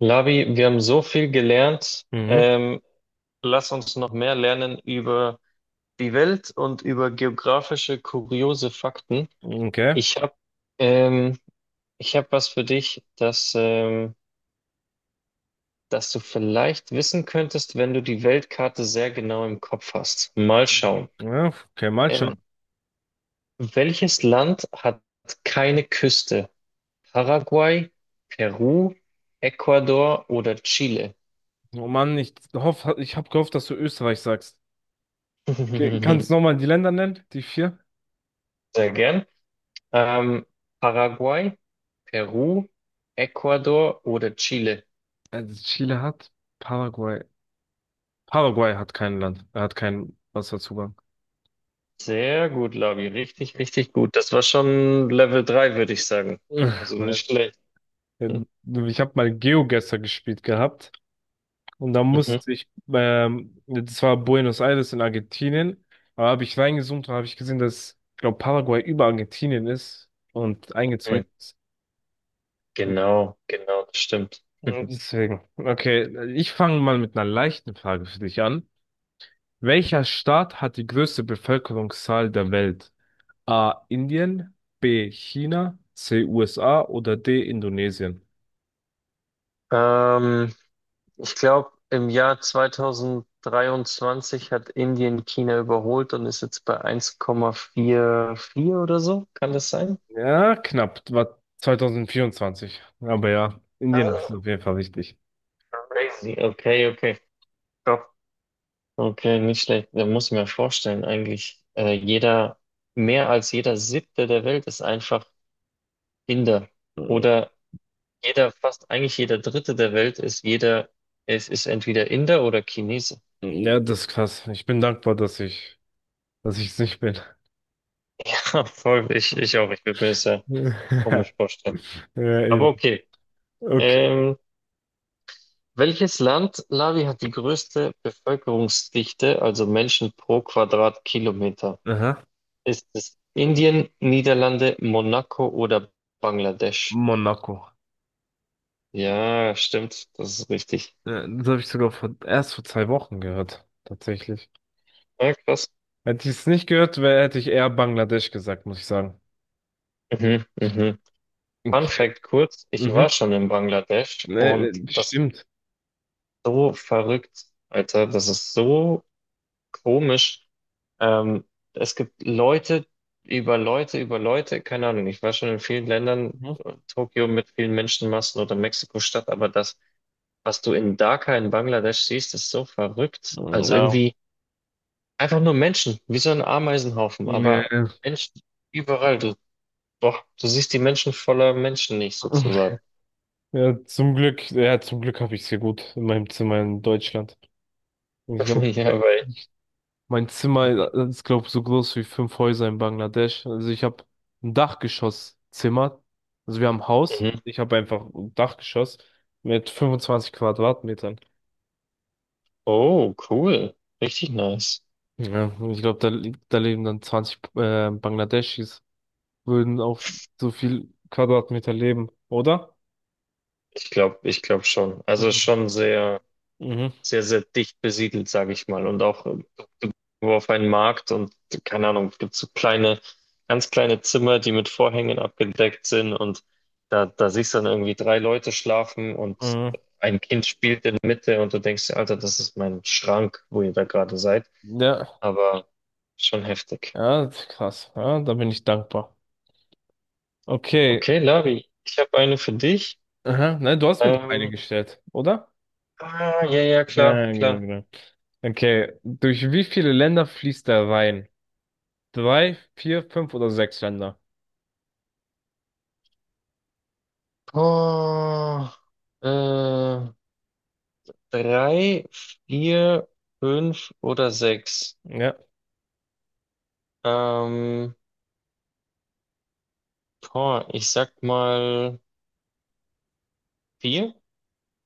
Lavi, wir haben so viel gelernt. Mhm. Lass uns noch mehr lernen über die Welt und über geografische kuriose Fakten. Okay. Ich habe ähm, ich hab was für dich, das, das du vielleicht wissen könntest, wenn du die Weltkarte sehr genau im Kopf hast. Mal schauen. Ja, okay, mal Ähm, schauen. welches Land hat keine Küste? Paraguay, Peru, Ecuador oder Chile? Oh Mann, ich habe gehofft, dass du Österreich sagst. Okay, kannst du nochmal die Länder nennen? Die vier? Sehr gern. Ähm, Paraguay, Peru, Ecuador oder Chile? Also Chile hat Paraguay. Paraguay hat kein Land. Er hat keinen Wasserzugang. Sehr gut, Labi. Richtig, richtig gut. Das war schon Level 3, würde ich sagen. Also nicht schlecht. Hm. Ich habe mal GeoGuessr gespielt gehabt und da Mhm. musste ich, das war Buenos Aires in Argentinien, aber habe ich reingezoomt und habe ich gesehen, dass, ich glaube, Paraguay über Argentinien ist und eingezäunt Mhm. ist. Genau, genau, das stimmt. Deswegen. Okay, ich fange mal mit einer leichten Frage für dich an. Welcher Staat hat die größte Bevölkerungszahl der Welt? A. Indien, B. China, C. USA oder D. Indonesien? Ähm, ich glaube, im Jahr 2023 hat Indien China überholt und ist jetzt bei 1,44 oder so. Kann das sein? Ja, knapp. War 2024. Aber ja, Indien ist Ah, auf jeden Fall wichtig. crazy. Okay, okay. Okay, nicht schlecht. Da muss ich mir vorstellen, eigentlich jeder, mehr als jeder Siebte der Welt ist einfach Inder. Oder jeder, fast eigentlich jeder Dritte der Welt ist jeder, es ist entweder Inder oder Chinese. Ja, das ist krass. Ich bin dankbar, dass ich es nicht bin. Voll, ich auch. Ich würde mir das ja komisch vorstellen. Ja, Aber eben. okay. Okay. Ähm, welches Land, Lavi, hat die größte Bevölkerungsdichte, also Menschen pro Quadratkilometer? Aha. Ist es Indien, Niederlande, Monaco oder Bangladesch? Monaco. Ja, stimmt. Das ist richtig. Ja, das habe ich sogar vor, erst vor 2 Wochen gehört, tatsächlich. Ja, krass. Hätte ich es nicht gehört, wär, hätte ich eher Bangladesch gesagt, muss ich sagen. Mhm, mhm. Fun Okay. Fact kurz, ich war Mhm. schon in Bangladesch Nee, und nee, das ist stimmt. so verrückt, Alter. Das ist so komisch. Ähm, es gibt Leute über Leute über Leute, keine Ahnung. Ich war schon in vielen Ländern, Mhm. Tokio mit vielen Menschenmassen oder Mexiko-Stadt, aber das, was du in Dhaka in Bangladesch siehst, ist so verrückt. Also Ja. irgendwie einfach nur Menschen, wie so ein Ameisenhaufen, Ja, aber ja. Menschen überall. Du Doch, du siehst die Menschen voller Menschen nicht sozusagen. Ja, zum Glück habe ich es hier gut in meinem Zimmer in Deutschland. Ich glaube, Ja, mein, weil. mein Zimmer ist, glaube ich, so groß wie fünf Häuser in Bangladesch. Also ich habe ein Dachgeschosszimmer. Also wir haben ein Haus. Mhm. Ich habe einfach ein Dachgeschoss mit 25 Quadratmetern. Oh, cool. Richtig nice. Ja, und ich glaube, da leben dann 20 Bangladeschis, würden auf so viel Quadratmeter leben, oder? Ich glaube schon. Also Mhm. schon sehr, Mhm. sehr, sehr dicht besiedelt, sage ich mal. Und auch du du auf einen Markt und keine Ahnung, es gibt so kleine, ganz kleine Zimmer, die mit Vorhängen abgedeckt sind und da, da siehst du dann irgendwie drei Leute schlafen und Mhm. ein Kind spielt in der Mitte und du denkst, dir, Alter, das ist mein Schrank, wo ihr da gerade seid. Ja, Aber schon heftig. ja, das ist krass. Ja, da bin ich dankbar. Okay. Okay, Lavi, ich habe eine für dich. Aha. Nein, du hast mir doch eine Ähm, gestellt, oder? ah, ja, ja, klar, Ja, genau, klar. genau. Okay. Durch wie viele Länder fließt der Rhein? Drei, vier, fünf oder sechs Länder? Oh, äh, drei, vier, fünf oder sechs. Ja. Ähm, boah, ich sag mal vier.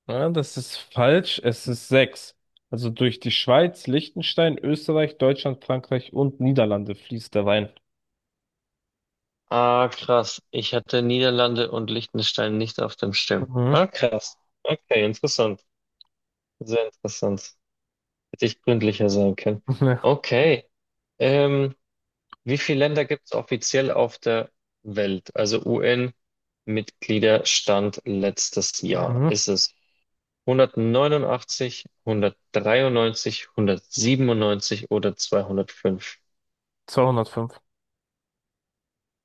Ja, das ist falsch. Es ist sechs. Also durch die Schweiz, Liechtenstein, Österreich, Deutschland, Frankreich und Niederlande fließt der Wein. Ah, krass. Ich hatte Niederlande und Liechtenstein nicht auf dem Schirm. Mhm. Ah, krass. Okay, interessant. Sehr interessant. Hätte ich gründlicher sein können. Okay. Ähm, wie viele Länder gibt es offiziell auf der Welt? Also UN-Mitgliederstand letztes Ja. Jahr. Mhm. Ist es 189, 193, 197 oder 205? 205.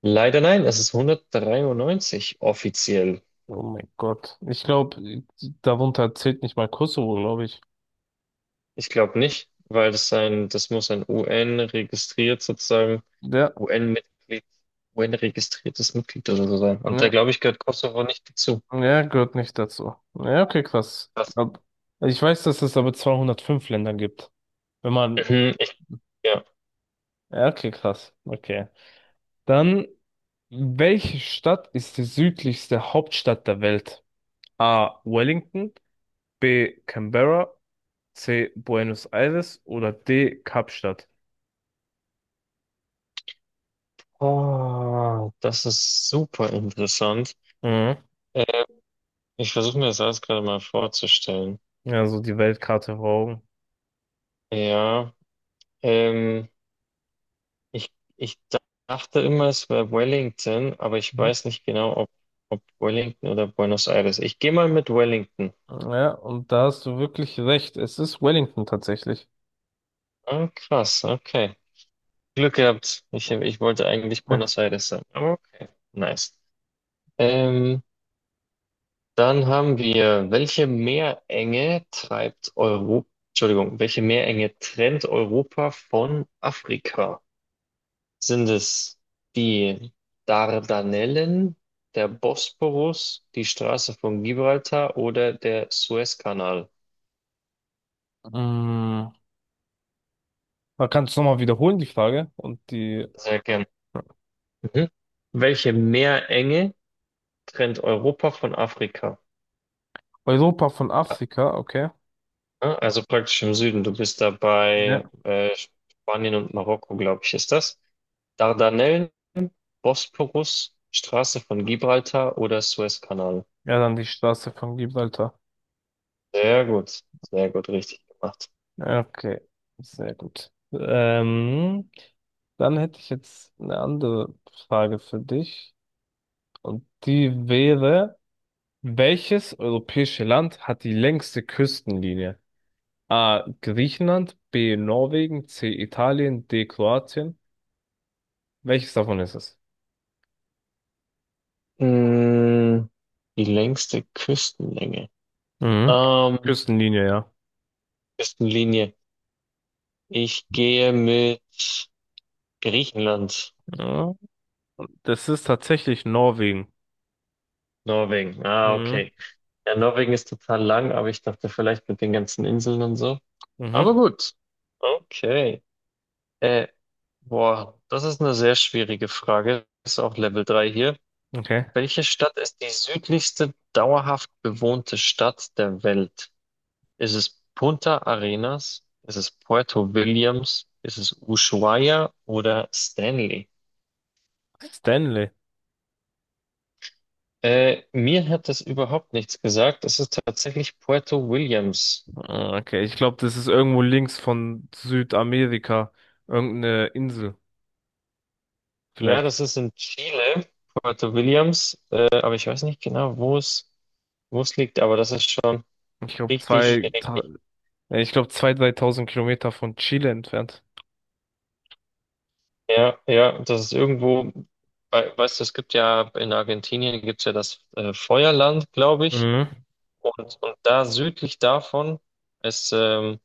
Leider nein, es ist 193 offiziell. Oh mein Gott. Ich glaube, darunter zählt nicht mal Kosovo, glaube ich. Ich glaube nicht, weil das ein, das muss ein UN registriert sozusagen, Ja, UN-Mitglied, UN-registriertes Mitglied oder so sein. Und da ja, glaube ich, gehört Kosovo nicht dazu. ja, gehört nicht dazu. Ja, okay, krass. Was? Ich weiß, dass es aber 205 Länder gibt. Wenn man, Mhm, ich, ja. ja, okay, krass. Okay. Dann, welche Stadt ist die südlichste Hauptstadt der Welt? A. Wellington, B. Canberra, C. Buenos Aires oder D. Kapstadt. Oh, das ist super interessant. Mhm. Äh, ich versuche mir das alles gerade mal vorzustellen. Also die Weltkarte vor Augen. Ja, ähm, ich dachte immer, es wäre Wellington, aber ich Mhm. weiß nicht genau, ob, ob Wellington oder Buenos Aires. Ich gehe mal mit Wellington. Ja, und da hast du wirklich recht. Es ist Wellington tatsächlich. Ah, krass, okay. Glück gehabt. Ich wollte eigentlich Ja. Buenos Aires sagen. Aber okay, nice. Ähm, Dann haben wir, welche Meerenge treibt Europa, Entschuldigung, welche Meerenge trennt Europa von Afrika? Sind es die Dardanellen, der Bosporus, die Straße von Gibraltar oder der Suezkanal? Mm, Da kannst du nochmal wiederholen, die Frage. Und die Sehr gern. Mhm. Welche Meerenge trennt Europa von Afrika? Europa von Afrika, okay. Ja, also praktisch im Süden. Du bist dabei Ja. äh, Spanien und Marokko, glaube ich, ist das? Dardanellen, Bosporus, Straße von Gibraltar oder Suezkanal? Ja, dann die Straße von Gibraltar. Sehr gut, sehr gut, richtig gemacht. Okay, sehr gut. Dann hätte ich jetzt eine andere Frage für dich. Und die wäre, welches europäische Land hat die längste Küstenlinie? A. Griechenland, B. Norwegen, C. Italien, D. Kroatien. Welches davon ist es? Mm, die längste Küstenlänge. Mhm. Ähm, Küstenlinie, ja. Küstenlinie. Ich gehe mit Griechenland, Ja. Das ist tatsächlich Norwegen. Norwegen. Ah, Mhm. okay. Ja, Norwegen ist total lang, aber ich dachte vielleicht mit den ganzen Inseln und so. Aber Mhm. gut. Okay. Äh, boah, das ist eine sehr schwierige Frage. Ist auch Level 3 hier. Okay. Welche Stadt ist die südlichste dauerhaft bewohnte Stadt der Welt? Ist es Punta Arenas? Ist es Puerto Williams? Ist es Ushuaia oder Stanley? Stanley. Mir hat das überhaupt nichts gesagt. Es ist tatsächlich Puerto Williams. Ah, okay, ich glaube, das ist irgendwo links von Südamerika. Irgendeine Insel, Ja, vielleicht. das ist in Chile, Puerto Williams. Aber ich weiß nicht genau, wo es liegt. Aber das ist schon Ich glaube, richtig, zwei, ta- richtig. ich glaube, zwei, 3.000 Kilometer von Chile entfernt. Ja, ja, das ist irgendwo, bei- weißt du, es gibt ja in Argentinien gibt's ja das Feuerland, glaube ich. Mhm. Und da südlich davon ist,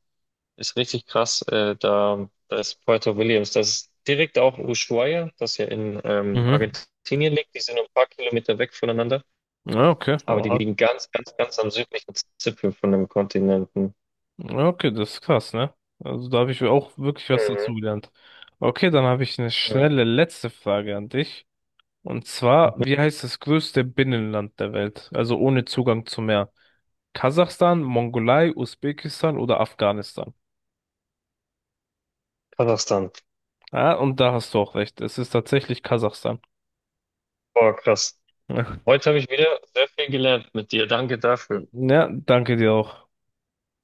ist richtig krass, da, da ist Puerto Williams. Das ist direkt auch Ushuaia, das ja in Mhm. Argentinien liegt. Die sind nur ein paar Kilometer weg voneinander, Ja, okay. aber die liegen ganz, ganz, ganz am südlichen Zipfel von dem Kontinenten. Ja, okay, das ist krass, ne? Also da habe ich auch wirklich was Mhm. dazugelernt. Okay, dann habe ich eine Mhm. schnelle letzte Frage an dich. Und zwar, wie heißt das größte Binnenland der Welt? Also ohne Zugang zum Meer. Kasachstan, Mongolei, Usbekistan oder Afghanistan? Kasachstan. Ah, und da hast du auch recht. Es ist tatsächlich Kasachstan. Boah, krass. Heute habe ich wieder sehr viel gelernt mit dir. Danke dafür. Ja, danke dir auch.